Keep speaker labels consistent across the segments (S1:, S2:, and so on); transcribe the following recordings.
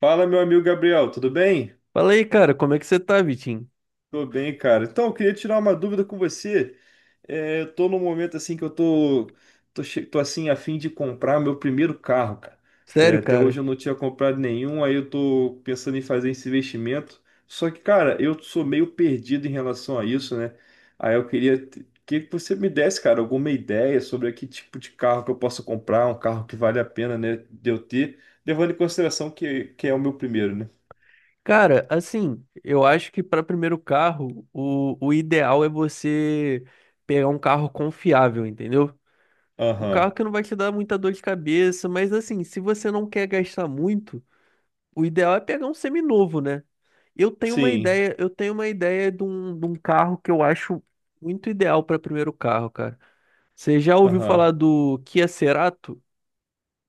S1: Fala, meu amigo Gabriel, tudo bem?
S2: Fala aí, cara, como é que você tá, Vitinho?
S1: Tô bem, cara. Então, eu queria tirar uma dúvida com você. Eu tô num momento assim que eu tô, tô, che- tô assim a fim de comprar meu primeiro carro, cara.
S2: Sério,
S1: Até
S2: cara?
S1: hoje eu não tinha comprado nenhum, aí eu tô pensando em fazer esse investimento. Só que, cara, eu sou meio perdido em relação a isso, né? Aí eu queria que você me desse, cara, alguma ideia sobre que tipo de carro que eu posso comprar, um carro que vale a pena, né, de eu ter, levando em consideração que é o meu primeiro, né?
S2: Cara, assim, eu acho que para primeiro carro, o ideal é você pegar um carro confiável, entendeu? Um carro
S1: Aham.
S2: que não vai te dar muita dor de cabeça, mas assim, se você não quer gastar muito, o ideal é pegar um seminovo, né? Eu tenho uma
S1: Sim,
S2: ideia, eu tenho uma ideia de um carro que eu acho muito ideal para primeiro carro, cara. Você já ouviu falar
S1: aham.
S2: do Kia Cerato? O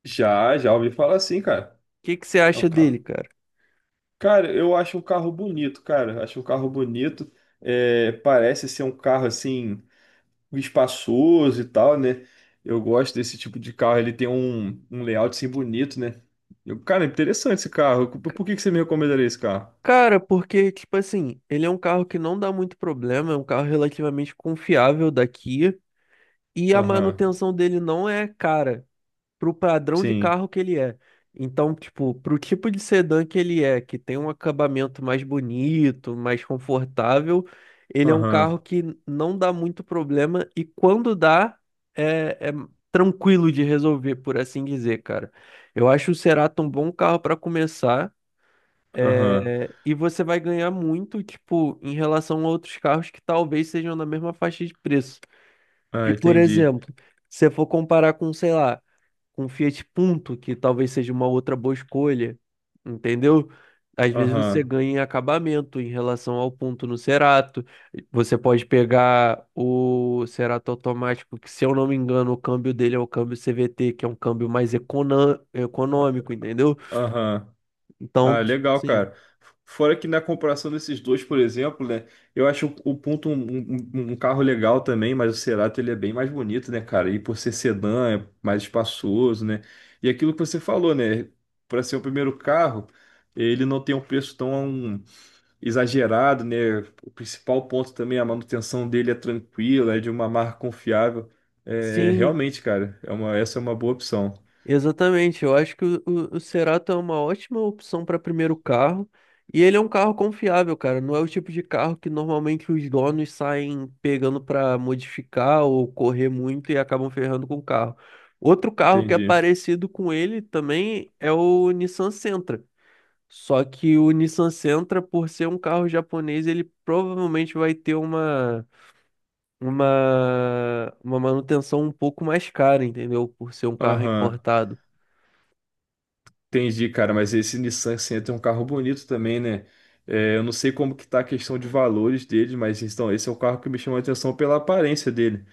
S1: Já ouvi falar assim, cara.
S2: que que você
S1: É o
S2: acha dele,
S1: carro.
S2: cara?
S1: Cara, eu acho um carro bonito, cara. Acho um carro bonito. É, parece ser um carro assim, espaçoso e tal, né? Eu gosto desse tipo de carro. Ele tem um layout assim bonito, né? Cara, é interessante esse carro. Por que que você me recomendaria esse carro?
S2: Cara, porque, tipo assim, ele é um carro que não dá muito problema, é um carro relativamente confiável da Kia, e a
S1: Aham,
S2: manutenção dele não é cara pro padrão de
S1: sim.
S2: carro que ele é. Então, tipo, pro tipo de sedã que ele é, que tem um acabamento mais bonito, mais confortável, ele é um
S1: Aham,
S2: carro que não dá muito problema, e quando dá, é tranquilo de resolver, por assim dizer, cara. Eu acho o Cerato um bom carro para começar.
S1: aham.
S2: É, e você vai ganhar muito, tipo, em relação a outros carros que talvez sejam na mesma faixa de preço.
S1: Ah,
S2: E, por
S1: entendi.
S2: exemplo, se você for comparar com, sei lá, com Fiat Punto, que talvez seja uma outra boa escolha, entendeu? Às vezes você
S1: Aham.
S2: ganha em acabamento em relação ao Punto no Cerato. Você pode pegar o Cerato automático, que, se eu não me engano, o câmbio dele é o câmbio CVT, que é um câmbio mais
S1: Ah,
S2: econômico, entendeu?
S1: aham.
S2: Então,
S1: Ah,
S2: tipo,
S1: legal,
S2: sim.
S1: cara. Fora que na comparação desses dois, por exemplo, né? Eu acho o Punto um carro legal também, mas o Cerato ele é bem mais bonito, né, cara? E por ser sedã, é mais espaçoso, né? E aquilo que você falou, né? Para ser o primeiro carro, ele não tem um preço tão exagerado, né? O principal ponto também, a manutenção dele é tranquila, é de uma marca confiável. É,
S2: Sim,
S1: realmente, cara, essa é uma boa opção.
S2: exatamente, eu acho que o Cerato é uma ótima opção para primeiro carro e ele é um carro confiável, cara. Não é o tipo de carro que normalmente os donos saem pegando para modificar ou correr muito e acabam ferrando com o carro. Outro carro que é
S1: Entendi.
S2: parecido com ele também é o Nissan Sentra. Só que o Nissan Sentra, por ser um carro japonês, ele provavelmente vai ter uma manutenção um pouco mais cara, entendeu? Por ser um carro
S1: Aham.
S2: importado.
S1: Entendi, cara, mas esse Nissan Sentra é um carro bonito também, né? É, eu não sei como que tá a questão de valores dele, mas então esse é o carro que me chamou a atenção pela aparência dele.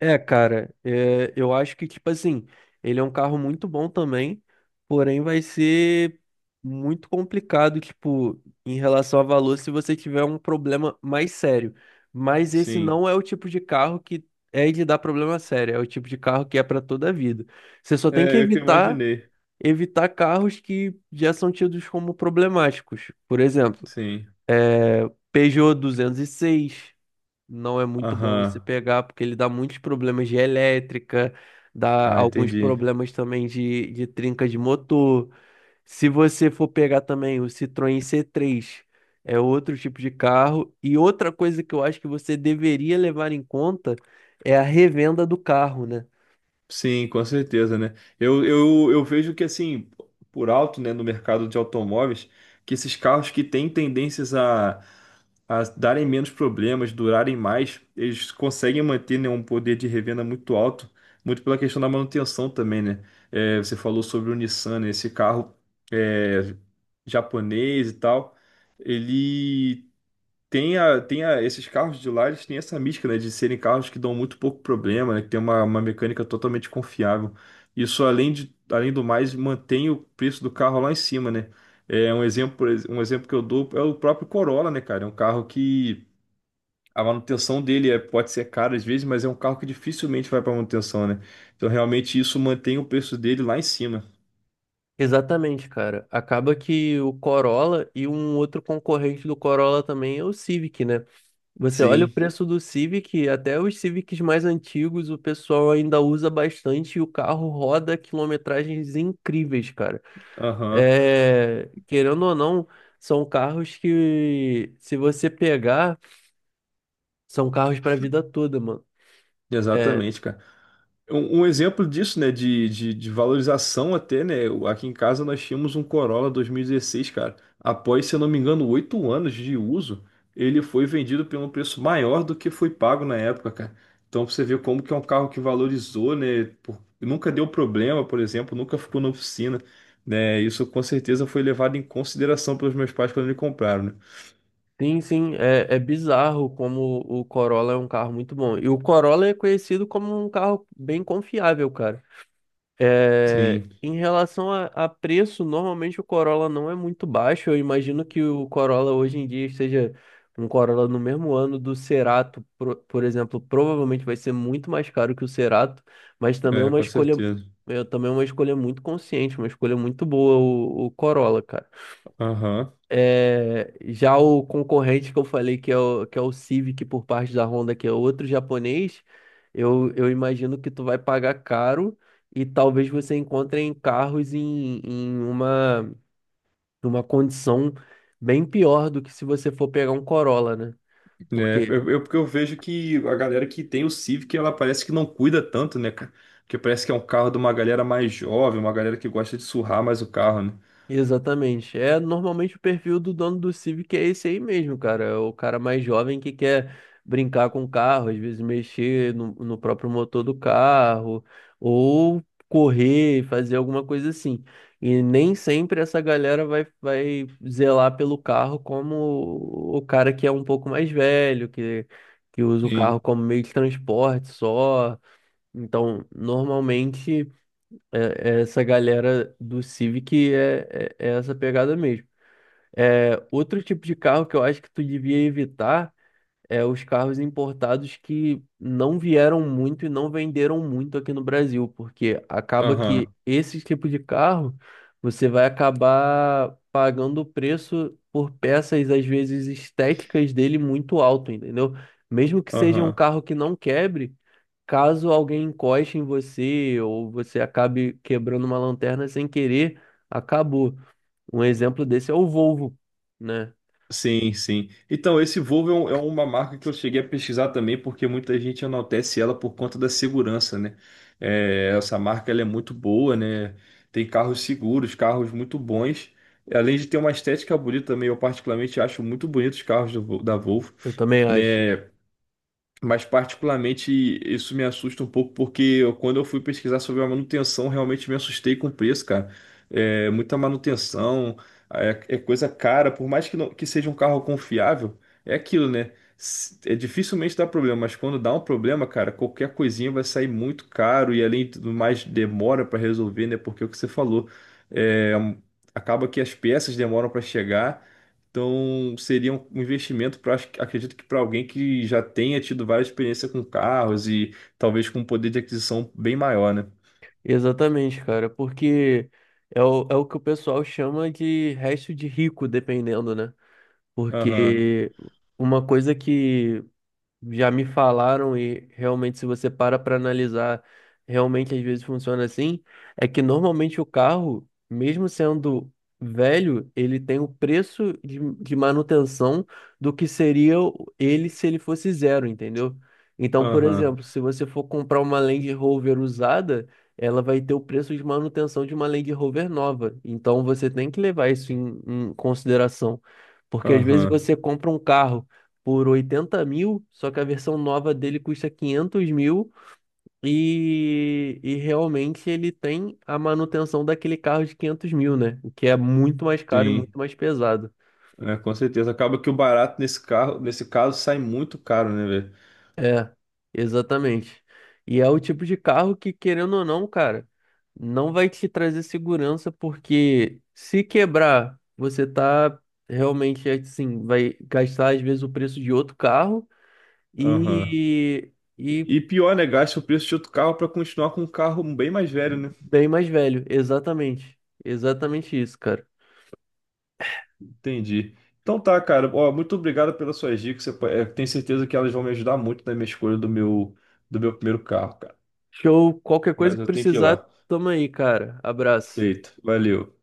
S2: É, cara, é, eu acho que, tipo assim, ele é um carro muito bom também, porém vai ser muito complicado, tipo, em relação a valor, se você tiver um problema mais sério. Mas esse
S1: Sim.
S2: não é o tipo de carro que é de dar problema sério, é o tipo de carro que é para toda a vida. Você só tem que
S1: É, eu que imaginei.
S2: evitar carros que já são tidos como problemáticos. Por exemplo,
S1: Sim.
S2: é, Peugeot 206 não é muito bom você
S1: Aham.
S2: pegar, porque ele dá muitos problemas de elétrica, dá
S1: Ah,
S2: alguns
S1: entendi.
S2: problemas também de trinca de motor. Se você for pegar também o Citroën C3, é outro tipo de carro. E outra coisa que eu acho que você deveria levar em conta é a revenda do carro, né?
S1: Sim, com certeza, né? Eu vejo que, assim, por alto, né, no mercado de automóveis, que esses carros que têm tendências a darem menos problemas, durarem mais, eles conseguem manter, né, um poder de revenda muito alto, muito pela questão da manutenção também, né? É, você falou sobre o Nissan, né? Esse carro é, japonês e tal, ele tem a, esses carros de lá, eles têm essa mística, né, de serem carros que dão muito pouco problema, né, que tem uma mecânica totalmente confiável. Isso, além de, além do mais, mantém o preço do carro lá em cima, né? É um exemplo que eu dou é o próprio Corolla, né, cara? É um carro que a manutenção dele é, pode ser cara às vezes, mas é um carro que dificilmente vai para manutenção, né? Então, realmente, isso mantém o preço dele lá em cima.
S2: Exatamente, cara. Acaba que o Corolla e um outro concorrente do Corolla também é o Civic, né? Você olha o
S1: Sim,
S2: preço do Civic, até os Civics mais antigos o pessoal ainda usa bastante e o carro roda quilometragens incríveis, cara.
S1: aham.
S2: É, querendo ou não, são carros que, se você pegar, são carros para a vida toda, mano. É,
S1: Exatamente, cara. Um exemplo disso, né, de valorização até, né, o- aqui em casa nós tínhamos um Corolla 2016 cara. Após, se eu não me engano, 8 anos de uso, ele foi vendido por um preço maior do que foi pago na época, cara. Então pra você vê como que é um carro que valorizou, né, por- nunca deu problema, por exemplo, nunca ficou na oficina, né, isso com certeza foi levado em consideração pelos meus pais quando me compraram, né.
S2: sim, sim, é, é bizarro como o Corolla é um carro muito bom. E o Corolla é conhecido como um carro bem confiável, cara. É,
S1: Sim,
S2: em relação a preço, normalmente o Corolla não é muito baixo. Eu imagino que o Corolla hoje em dia esteja um Corolla no mesmo ano do Cerato, por exemplo, provavelmente vai ser muito mais caro que o Cerato, mas também é
S1: é,
S2: uma
S1: com
S2: escolha,
S1: certeza.
S2: é também é uma escolha muito consciente, uma escolha muito boa o Corolla, cara.
S1: Aham.
S2: É, já o concorrente que eu falei que é o Civic por parte da Honda, que é outro japonês, eu imagino que tu vai pagar caro e talvez você encontre em carros em, em uma condição bem pior do que se você for pegar um Corolla, né? Porque
S1: Porque eu vejo que a galera que tem o Civic, ela parece que não cuida tanto, né, cara? Porque parece que é um carro de uma galera mais jovem, uma galera que gosta de surrar mais o carro, né?
S2: exatamente. É normalmente o perfil do dono do Civic é esse aí mesmo, cara. É o cara mais jovem que quer brincar com o carro, às vezes mexer no, no próprio motor do carro, ou correr, fazer alguma coisa assim. E nem sempre essa galera vai, vai zelar pelo carro como o cara que é um pouco mais velho, que usa o carro
S1: Sim.
S2: como meio de transporte só. Então, normalmente. É- é essa galera do Civic é, é, é essa pegada mesmo. É, outro tipo de carro que eu acho que tu devia evitar é os carros importados que não vieram muito e não venderam muito aqui no Brasil, porque acaba que
S1: Aham,
S2: esse tipo de carro você vai acabar pagando o preço por peças, às vezes estéticas dele muito alto, entendeu? Mesmo que seja um
S1: aham.
S2: carro que não quebre. Caso alguém encoste em você ou você acabe quebrando uma lanterna sem querer, acabou. Um exemplo desse é o Volvo, né?
S1: Sim, sim. Então, esse Volvo é, um- é uma marca que eu cheguei a pesquisar também, porque muita gente enaltece ela por conta da segurança, né? É, essa marca, ela é muito boa, né? Tem carros seguros, carros muito bons. Além de ter uma estética bonita também, eu particularmente acho muito bonitos os carros do da Volvo,
S2: Eu também acho.
S1: né? Mas particularmente isso me assusta um pouco quando eu fui pesquisar sobre a manutenção, realmente me assustei com o preço, cara. É muita manutenção, é, é coisa cara, por mais que, que seja um carro confiável, é aquilo, né? É dificilmente dá problema, mas quando dá um problema, cara, qualquer coisinha vai sair muito caro e além do mais demora para resolver, né? Porque é o que você falou, é, acaba que as peças demoram para chegar. Então, seria um investimento para, acredito que para alguém que já tenha tido várias experiências com carros e talvez com um poder de aquisição bem maior, né?
S2: Exatamente, cara, porque é o que o pessoal chama de resto de rico, dependendo, né?
S1: Aham,
S2: Porque uma coisa que já me falaram e realmente se você para analisar, realmente às vezes funciona assim, é que normalmente o carro, mesmo sendo velho, ele tem o preço de manutenção do que seria ele se ele fosse zero, entendeu? Então, por
S1: aham,
S2: exemplo, se você for comprar uma Land Rover usada, ela vai ter o preço de manutenção de uma Land Rover nova. Então, você tem que levar isso em em consideração. Porque às vezes
S1: aham.
S2: você compra um carro por 80 mil, só que a versão nova dele custa 500 mil e realmente ele tem a manutenção daquele carro de 500 mil, né? O que é muito mais caro e
S1: Sim,
S2: muito mais pesado.
S1: é, com certeza. Acaba que o barato nesse carro, nesse caso, sai muito caro, né, velho?
S2: É, exatamente. E é o tipo de carro que, querendo ou não, cara, não vai te trazer segurança porque se quebrar, você tá realmente assim, vai gastar às vezes o preço de outro carro
S1: Aham.
S2: e, e
S1: E pior, né? Gasta o preço de outro carro para continuar com um carro bem mais velho, né?
S2: bem mais velho, exatamente. Exatamente isso, cara.
S1: Entendi. Então tá, cara. Ó, muito obrigado pelas suas dicas. Eu tenho certeza que elas vão me ajudar muito na minha escolha do meu primeiro carro, cara.
S2: Show, qualquer coisa
S1: Mas
S2: que
S1: eu tenho que ir
S2: precisar,
S1: lá.
S2: tamo aí, cara. Abraço.
S1: Feito. Valeu.